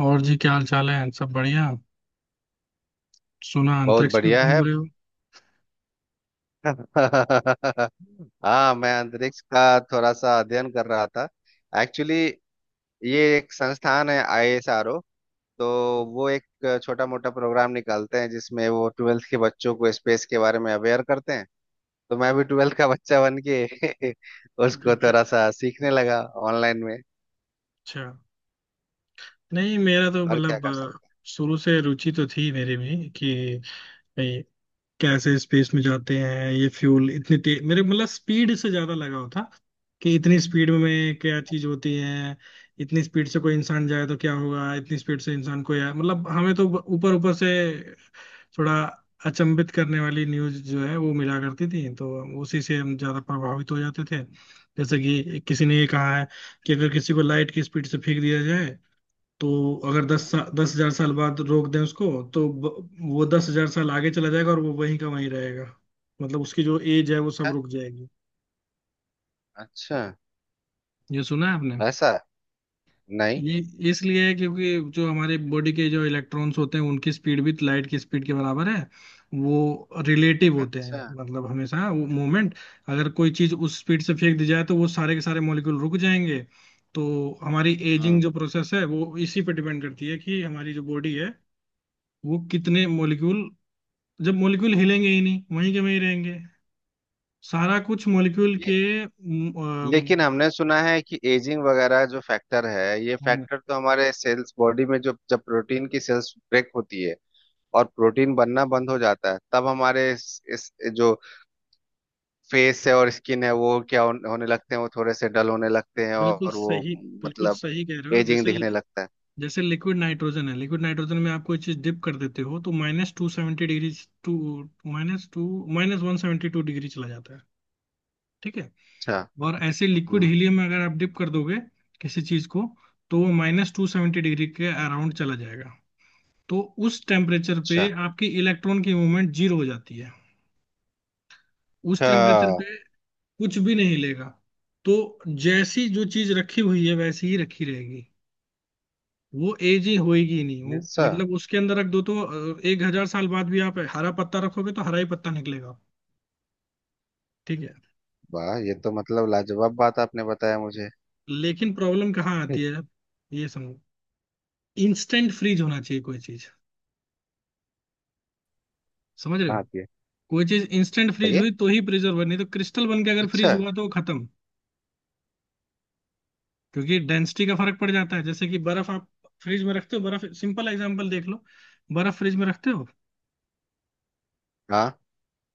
और जी क्या हाल चाल है। सब बढ़िया। सुना बहुत अंतरिक्ष में बढ़िया है। घूम रहे हो। हाँ, मैं अंतरिक्ष का थोड़ा सा अध्ययन कर रहा था एक्चुअली। ये एक संस्थान है आईएसआरओ। तो वो एक छोटा मोटा प्रोग्राम निकालते हैं जिसमें वो ट्वेल्थ के बच्चों को स्पेस के बारे में अवेयर करते हैं। तो मैं भी ट्वेल्थ का बच्चा बन के उसको गुज्जा- थोड़ा सा सीखने लगा ऑनलाइन में। अच्छा। नहीं मेरा तो और क्या मतलब, कर अ, सकते शुरू से रुचि तो थी मेरी भी कि कैसे स्पेस में जाते हैं। ये फ्यूल इतनी तेज, मेरे मतलब स्पीड से ज्यादा लगाव था कि इतनी स्पीड में क्या चीज होती है। इतनी स्पीड से कोई इंसान जाए तो क्या होगा, इतनी स्पीड से इंसान कोई आए, मतलब हमें तो ऊपर ऊपर से थोड़ा अचंभित करने वाली न्यूज जो है वो मिला करती थी। तो उसी से हम ज्यादा प्रभावित हो जाते थे। जैसे कि किसी ने ये कहा है कि अगर किसी को लाइट की स्पीड से फेंक दिया जाए तो अगर 10,000 साल बाद रोक दें उसको तो वो 10,000 साल आगे चला जाएगा और वो वहीं का वहीं रहेगा। मतलब उसकी जो एज है वो सब हैं। रुक जाएगी। अच्छा। ये सुना है आपने? ऐसा। नहीं। ये इसलिए है क्योंकि जो हमारे बॉडी के जो इलेक्ट्रॉन्स होते हैं उनकी स्पीड भी लाइट की स्पीड के बराबर है। वो रिलेटिव होते हैं। अच्छा। मतलब हमेशा वो मोमेंट, अगर कोई चीज उस स्पीड से फेंक दी जाए तो वो सारे के सारे मॉलिक्यूल रुक जाएंगे। तो हमारी एजिंग हम्म। जो प्रोसेस है वो इसी पे डिपेंड करती है कि हमारी जो बॉडी है वो कितने मॉलिक्यूल, जब मॉलिक्यूल हिलेंगे ही नहीं वहीं के वहीं रहेंगे। सारा कुछ मॉलिक्यूल के। ये अम, लेकिन हमने सुना है कि एजिंग वगैरह जो फैक्टर है, ये अम, फैक्टर तो हमारे सेल्स बॉडी में जो जब प्रोटीन की सेल्स ब्रेक होती है और प्रोटीन बनना बंद हो जाता है, तब हमारे इस जो फेस है और स्किन है, वो क्या होने लगते हैं, वो थोड़े से डल होने लगते हैं, बिल्कुल और वो सही। बिल्कुल मतलब सही कह रहे हो। एजिंग जैसे, दिखने लगता है। जैसे लिक्विड नाइट्रोजन है, लिक्विड नाइट्रोजन में आप कोई चीज डिप कर देते हो तो -270 degree, two minus to -172 degree चला जाता है। ठीक है। अच्छा। और ऐसे लिक्विड हम्म। हीलियम में अगर आप डिप कर दोगे किसी चीज को तो वो -270 डिग्री के अराउंड चला जाएगा। तो उस टेम्परेचर अच्छा। पे आपकी इलेक्ट्रॉन की मूवमेंट जीरो हो जाती है। उस टेम्परेचर अच्छा। पे कुछ भी नहीं लेगा। तो जैसी जो चीज रखी हुई है वैसी ही रखी रहेगी। वो एज ही होएगी ही नहीं, वो ऐसा। मतलब उसके अंदर रख दो तो 1,000 साल बाद भी आप हरा पत्ता रखोगे तो हरा ही पत्ता निकलेगा। ठीक है। वाह, ये तो मतलब लाजवाब बात आपने बताया मुझे। लेकिन प्रॉब्लम कहाँ आती है, ये समझो। इंस्टेंट फ्रीज होना चाहिए कोई चीज, समझ रहे हो? हाँ, ये कोई चीज इंस्टेंट फ्रीज बताइए। हुई तो ही प्रिजर्व, नहीं तो क्रिस्टल बन के अगर अच्छा। फ्रीज हुआ तो वो खत्म। क्योंकि डेंसिटी का फर्क पड़ जाता है। जैसे कि बर्फ आप फ्रिज में रखते हो, बर्फ सिंपल एग्जांपल देख लो। बर्फ फ्रिज में रखते हो हाँ।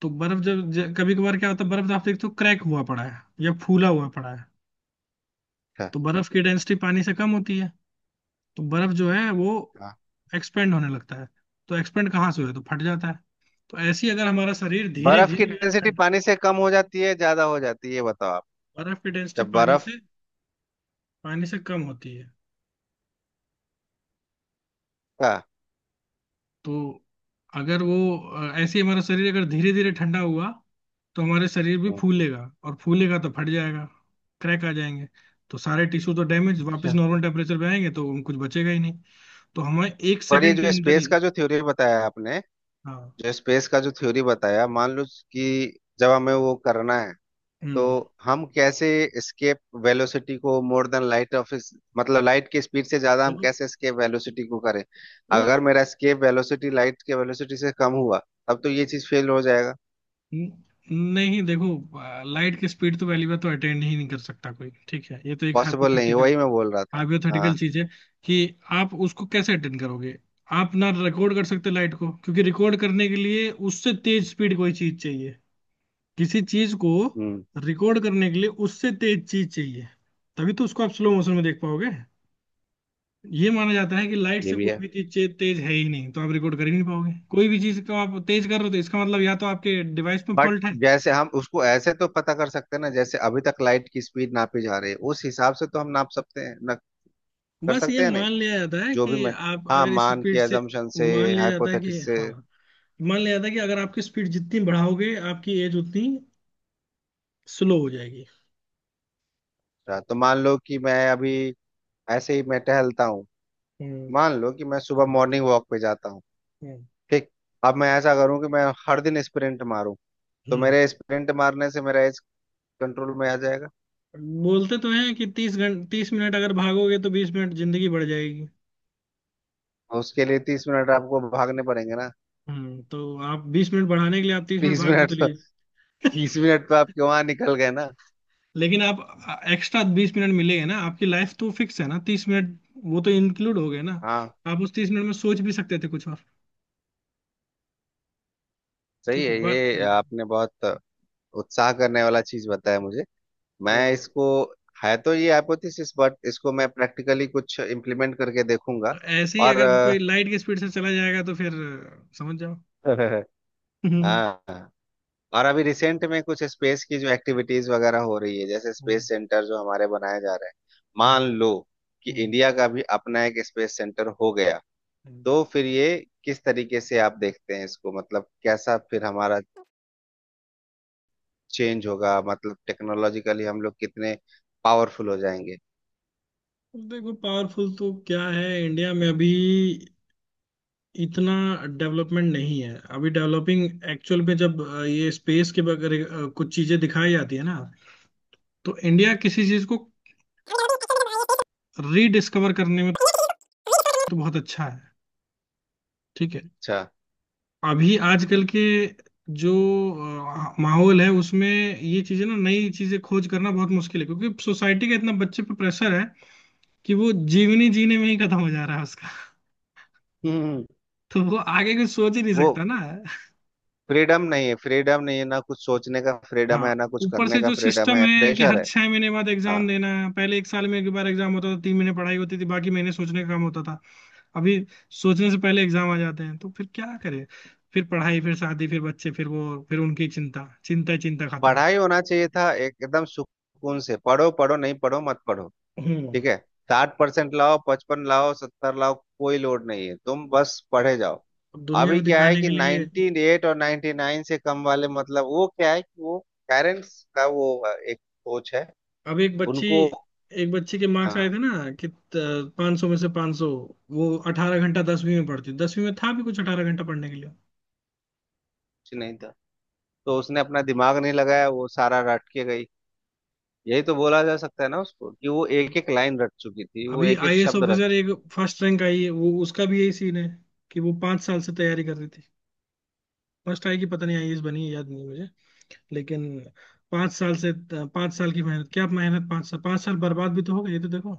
तो बर्फ जब कभी कभार क्या होता है, बर्फ आप देखते हो क्रैक हुआ पड़ा है या फूला हुआ पड़ा है। अच्छा, तो बर्फ की डेंसिटी पानी से कम होती है। तो बर्फ जो है वो एक्सपेंड होने लगता है। तो एक्सपेंड कहाँ से हुआ तो फट जाता है। तो ऐसे ही अगर हमारा शरीर धीरे बर्फ की धीरे डेंसिटी ठंड। पानी से कम हो जाती है ज्यादा हो जाती है, ये बताओ आप। बर्फ की डेंसिटी जब बर्फ पानी से कम होती है। का। तो अगर वो ऐसे ही हमारा शरीर अगर धीरे धीरे ठंडा हुआ तो हमारे शरीर भी हम्म। फूलेगा। और फूलेगा तो फट जाएगा, क्रैक आ जाएंगे। तो सारे टिश्यू तो डैमेज, वापस अच्छा। नॉर्मल टेम्परेचर पे आएंगे तो कुछ बचेगा ही नहीं। तो हमें एक पर ये सेकंड के जो अंदर ही। स्पेस का जो थ्योरी बताया आपने, हाँ। जो स्पेस का जो थ्योरी बताया, मान लो कि जब हमें वो करना है, तो हम्म। हम कैसे एस्केप वेलोसिटी को मोर देन लाइट ऑफ, मतलब लाइट की स्पीड से ज्यादा हम देखो, कैसे एस्केप वेलोसिटी को करें। न- अगर मेरा एस्केप वेलोसिटी लाइट के वेलोसिटी से कम हुआ, तब तो ये चीज फेल हो जाएगा। न- नहीं देखो, लाइट की स्पीड तो पहली बात तो अटेंड ही नहीं कर सकता कोई। ठीक है? ये तो एक पॉसिबल नहीं है, हाइपोथेटिकल वही मैं बोल रहा था। हाँ। हाइपोथेटिकल चीज है कि आप उसको कैसे अटेंड करोगे। आप ना रिकॉर्ड कर सकते लाइट को क्योंकि रिकॉर्ड करने के लिए उससे तेज स्पीड कोई चीज चाहिए। किसी चीज को हम्म। रिकॉर्ड करने के लिए उससे तेज चीज चाहिए। तभी तो उसको आप स्लो मोशन में देख पाओगे। ये माना जाता है कि लाइट ये से भी है, कोई भी चीज तेज है ही नहीं, तो आप रिकॉर्ड कर ही नहीं पाओगे। कोई भी चीज को आप तेज कर रहे हो तो इसका मतलब या तो आपके डिवाइस में बट फॉल्ट है। जैसे हम उसको ऐसे तो पता कर सकते हैं ना, जैसे अभी तक लाइट की स्पीड नापी जा रही है, उस हिसाब से तो हम नाप सकते हैं ना। कर बस ये सकते हैं नहीं। मान लिया जाता है जो भी कि मैं। आप हाँ, अगर इस मान के स्पीड से, अजम्पशन से, मान लिया जाता है कि हाइपोथेटिस से हाँ, मान लिया जाता है कि अगर आपकी स्पीड जितनी बढ़ाओगे आपकी एज उतनी स्लो हो जाएगी। रहा। तो मान लो कि मैं अभी ऐसे ही मैं टहलता हूँ, हम्म। मान लो कि मैं सुबह हम्म। मॉर्निंग वॉक पे जाता हूँ। हम्म। ठीक। अब मैं ऐसा करूँ कि मैं हर दिन स्प्रिंट मारूं, तो हम्म। मेरे स्प्रिंट मारने से मेरा एज कंट्रोल में आ जाएगा। बोलते तो हैं कि 30 घंटे, 30 मिनट अगर भागोगे तो 20 मिनट जिंदगी बढ़ जाएगी। और उसके लिए 30 मिनट आपको भागने पड़ेंगे ना। तो आप 20 मिनट बढ़ाने के लिए आप 30 मिनट तीस भाग भी मिनट तो तो, लिए। 30 मिनट तो आप वहां निकल गए ना। लेकिन आप, एक्स्ट्रा 20 मिनट मिलेंगे ना, आपकी लाइफ तो फिक्स है ना, 30 मिनट वो तो इंक्लूड हो गए ना। हाँ। आप उस 30 मिनट में सोच भी सकते थे कुछ और। सही ठीक है है, ये आपने बहुत उत्साह करने वाला चीज बताया मुझे। मैं इसको, है तो ये हाइपोथेसिस, बट इसको मैं प्रैक्टिकली कुछ इम्प्लीमेंट करके देखूंगा। तो ऐसे ही और अगर कोई लाइट की स्पीड से चला जाएगा तो फिर समझ जाओ। हम्म। हाँ। और अभी रिसेंट में कुछ स्पेस की जो एक्टिविटीज वगैरह हो रही है, जैसे हम्म। स्पेस सेंटर जो हमारे बनाए जा रहे हैं, मान हम्म। लो कि हम्म। इंडिया का भी अपना एक स्पेस सेंटर हो गया, हम्म। तो फिर ये किस तरीके से आप देखते हैं इसको, मतलब कैसा फिर हमारा चेंज होगा, मतलब टेक्नोलॉजिकली हम लोग कितने पावरफुल हो जाएंगे। देखो पावरफुल तो क्या है, इंडिया में अभी इतना डेवलपमेंट नहीं है, अभी डेवलपिंग एक्चुअल में। जब ये स्पेस के बगैर कुछ चीजें दिखाई जाती है ना, तो इंडिया किसी चीज को और बहुत अच्छा है। अच्छा। ठीक है। अभी आजकल के जो माहौल है उसमें ये चीजें ना, नई चीजें खोज करना बहुत मुश्किल है क्योंकि सोसाइटी का इतना बच्चे पे प्रेशर है कि वो जीवनी जीने में ही खत्म हो जा रहा है उसका। हम्म। तो वो आगे कुछ सोच ही नहीं वो सकता ना। फ्रीडम नहीं है, फ्रीडम नहीं है ना, कुछ सोचने का फ्रीडम हाँ, है, ना कुछ ऊपर करने से का जो फ्रीडम सिस्टम है, है कि प्रेशर हर है। 6 महीने बाद हाँ। एग्जाम देना है। पहले एक साल में एक बार एग्जाम होता था, 3 महीने पढ़ाई होती थी, बाकी महीने सोचने का काम होता था। अभी सोचने से पहले एग्जाम आ जाते हैं तो फिर क्या करें। फिर पढ़ाई, फिर शादी, फिर बच्चे, फिर वो, फिर उनकी चिंता, चिंता ही चिंता, खत्म। पढ़ाई होना चाहिए था एकदम सुकून से, पढ़ो पढ़ो, नहीं पढ़ो मत पढ़ो। हम्म ठीक है। 60% लाओ, 55 लाओ, 70 लाओ, कोई लोड नहीं है, तुम बस पढ़े जाओ। अब दुनिया अभी को क्या है दिखाने के कि लिए, 98 और 99 से कम वाले, मतलब वो क्या है कि वो पेरेंट्स का वो एक सोच है। अब उनको एक बच्ची के मार्क्स आए हाँ। थे ना कि 500 में से 500। वो 18 घंटा दसवीं में पढ़ती, दसवीं में था भी कुछ 18 घंटा पढ़ने के लिए। कुछ नहीं था, तो उसने अपना दिमाग नहीं लगाया, वो सारा रट के गई। यही तो बोला जा सकता है ना उसको कि वो ये एक तो- एक लाइन रट चुकी थी, वो अभी एक एक आईएएस शब्द रट ऑफिसर, चुकी। एक फर्स्ट रैंक आई है, वो, उसका भी यही सीन है कि वो 5 साल से तैयारी कर रही थी। फर्स्ट आई की पता नहीं, आईएएस बनी है याद नहीं। लेकिन पांच साल से पांच साल की मेहनत, क्या मेहनत, 5 साल, 5 साल बर्बाद भी तो हो गए, ये तो देखो।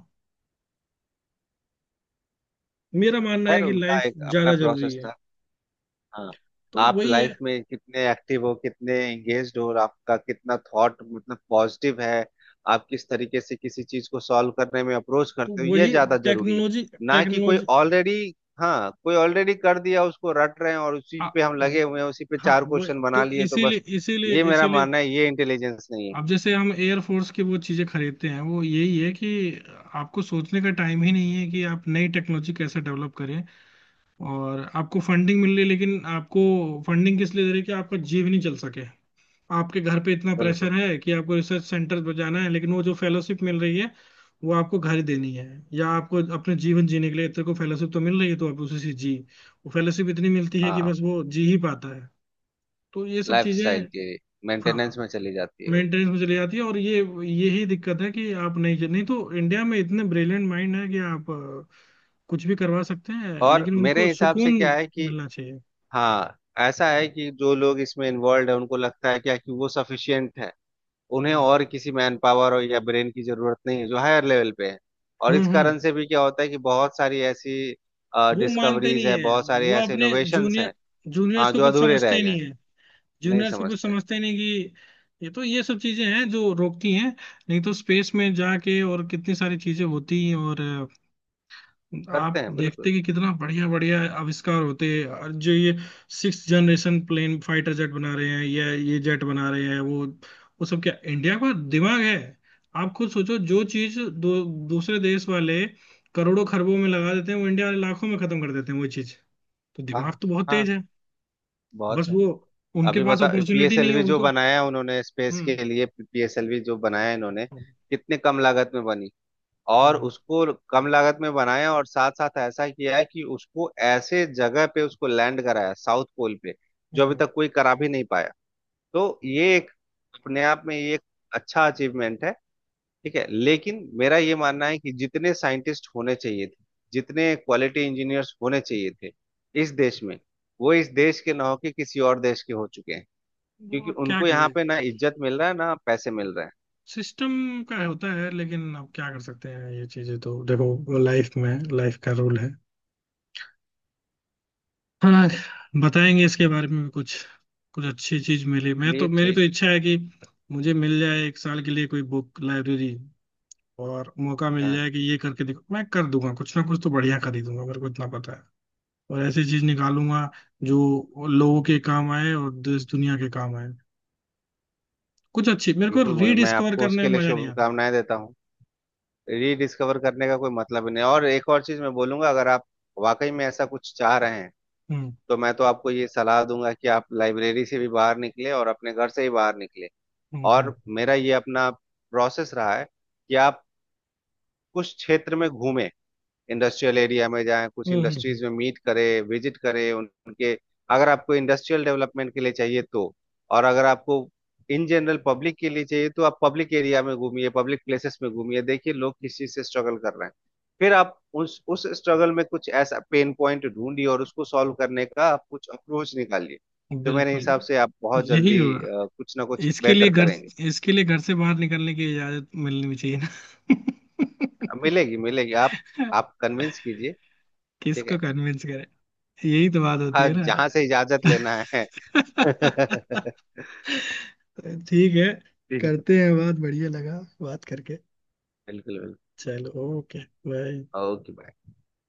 मेरा मानना है खैर, कि उनका लाइफ एक अपना ज्यादा जरूरी प्रोसेस है। था। हाँ। तो आप वही है। लाइफ में कितने एक्टिव हो, कितने एंगेज्ड हो, और आपका कितना थॉट मतलब पॉजिटिव है, आप किस तरीके से किसी चीज को सॉल्व करने में अप्रोच तो करते हो, ये वही ज्यादा जरूरी है। टेक्नोलॉजी, ना कि कोई टेक्नोलॉजी। ऑलरेडी। हाँ, कोई ऑलरेडी कर दिया, उसको रट रहे हैं और उसी आ- पे हम लगे हुए हैं, उसी पे हाँ चार वो, क्वेश्चन बना तो लिए तो इसीलिए, बस। इसीलिए, ये मेरा इसीलिए, मानना है, ये इंटेलिजेंस नहीं है। अब जैसे हम एयरफोर्स की वो चीजें खरीदते हैं, वो यही है कि आपको सोचने का टाइम ही नहीं है कि आप नई टेक्नोलॉजी कैसे डेवलप करें। और आपको फंडिंग मिल रही है लेकिन आपको फंडिंग किस लिए दे रही है कि आपका जीव नहीं चल सके। आपके घर पे इतना बिल्कुल। प्रेशर है कि आपको रिसर्च सेंटर पर जाना है, लेकिन वो जो फेलोशिप मिल रही है वो आपको घर ही देनी है, या आपको अपने जीवन जीने के लिए, तेरे को फेलोशिप तो मिल रही है तो आप उसी से जी, वो फेलोशिप इतनी मिलती है कि हाँ। बस वो जी ही पाता है। तो ये सब लाइफ चीजें, स्टाइल के हाँ, मेंटेनेंस में चली जाती है वो। मेंटेनेंस में चली जाती है। और ये यही दिक्कत है कि आप नहीं, नहीं तो इंडिया में इतने ब्रिलियंट माइंड है कि आप कुछ भी करवा सकते हैं, और लेकिन मेरे उनको हिसाब सुकून से क्या है कि मिलना चाहिए। हाँ, ऐसा है कि जो लोग इसमें इन्वॉल्व है, उनको लगता है क्या कि वो सफिशियंट है, उन्हें हम्म। और किसी मैन पावर और या ब्रेन की जरूरत नहीं है जो हायर लेवल पे है। और हम्म। इस हम्म। कारण से भी क्या होता है कि बहुत सारी ऐसी वो मानते डिस्कवरीज नहीं है, है बहुत सारे वो ऐसे अपने इनोवेशंस हैं, हाँ, जूनियर्स को जो कुछ अधूरे समझते रह ही गए। नहीं है। नहीं जूनियर्स को कुछ समझते। समझते ही नहीं कि ये तो, ये सब चीजें हैं जो रोकती हैं। नहीं तो स्पेस में जाके और कितनी सारी चीजें होती हैं और करते आप हैं, बिल्कुल। देखते कि कितना बढ़िया बढ़िया आविष्कार होते हैं। और जो ये 6 जनरेशन प्लेन, फाइटर जेट बना रहे हैं, या ये जेट बना रहे हैं, वो सब क्या इंडिया का दिमाग है? आप खुद सोचो, जो चीज दूसरे देश वाले करोड़ों खरबों में लगा देते हैं वो इंडिया वाले लाखों में खत्म कर देते हैं वो चीज। तो हाँ। दिमाग तो बहुत हाँ, तेज है। बहुत बस है। वो, उनके अभी पास बता अपॉर्चुनिटी नहीं है पीएसएलवी जो उनको। बनाया उन्होंने स्पेस के हम्म। लिए, पीएसएलवी जो बनाया इन्होंने, कितने कम लागत में बनी, और हम्म। उसको कम लागत में बनाया, और साथ साथ ऐसा किया है कि उसको ऐसे जगह पे उसको लैंड कराया साउथ पोल पे, जो अभी हम्म। तक कोई करा भी नहीं पाया। तो ये एक, अपने आप में ये एक अच्छा अचीवमेंट है। ठीक है, लेकिन मेरा ये मानना है कि जितने साइंटिस्ट होने चाहिए थे, जितने क्वालिटी इंजीनियर्स होने चाहिए थे इस देश में, वो इस देश के ना होके किसी और देश के हो चुके हैं, वो क्योंकि अब क्या उनको यहाँ करे, पे ना इज्जत मिल रहा है ना पैसे मिल रहे हैं। सिस्टम का होता है, लेकिन अब क्या कर सकते हैं, ये चीजें तो देखो। लाइफ में लाइफ का रूल है। हाँ, बताएंगे इसके बारे में भी कुछ। कुछ अच्छी चीज मिली मैं तो, चलिए मेरी तो ठीक। इच्छा है कि मुझे मिल जाए एक साल के लिए कोई बुक लाइब्रेरी, और मौका मिल हाँ, जाए कि ये करके देखो, मैं कर दूंगा, कुछ ना कुछ तो बढ़िया खरीदूंगा, मेरे को इतना पता है। और ऐसी चीज निकालूंगा जो लोगों के काम आए और देश दुनिया के काम आए। कुछ अच्छी, मेरे को बिल्कुल। मैं रीडिस्कवर आपको करने उसके में लिए मजा नहीं आता। शुभकामनाएं देता हूँ। रीडिस्कवर करने का कोई मतलब ही नहीं। और एक और चीज मैं बोलूंगा, अगर आप वाकई में ऐसा कुछ चाह रहे हैं, हम्म। तो मैं तो आपको ये सलाह दूंगा कि आप लाइब्रेरी से भी बाहर निकले और अपने घर से ही बाहर निकले। हम्म। हम्म। और मेरा ये अपना प्रोसेस रहा है कि आप कुछ क्षेत्र में घूमें, इंडस्ट्रियल एरिया में जाएं, कुछ हम्म। हम्म। इंडस्ट्रीज में मीट करें, विजिट करें उनके, अगर आपको इंडस्ट्रियल डेवलपमेंट के लिए चाहिए तो। और अगर आपको इन जनरल पब्लिक के लिए चाहिए, तो आप पब्लिक एरिया में घूमिए, पब्लिक प्लेसेस में घूमिए, देखिए लोग किस चीज से स्ट्रगल कर रहे हैं, फिर आप उस स्ट्रगल में कुछ ऐसा पेन पॉइंट ढूंढिए और उसको सॉल्व करने का आप कुछ अप्रोच निकालिए। तो मेरे बिल्कुल। हिसाब से आप बहुत यही जल्दी होगा। कुछ ना कुछ इसके लिए बेहतर घर करेंगे। इसके लिए घर से बाहर निकलने की इजाजत मिलनी भी चाहिए ना। मिलेगी, मिलेगी। आप कन्विंस कीजिए। ठीक किसको है। कन्विंस करे, यही तो बात होती हाँ, है ना। जहाँ से इजाजत लेना है। ठीक है। बिल्कुल। करते हैं बात, बढ़िया लगा बात करके। बिल्कुल। चलो। ओके। बाय। ओके।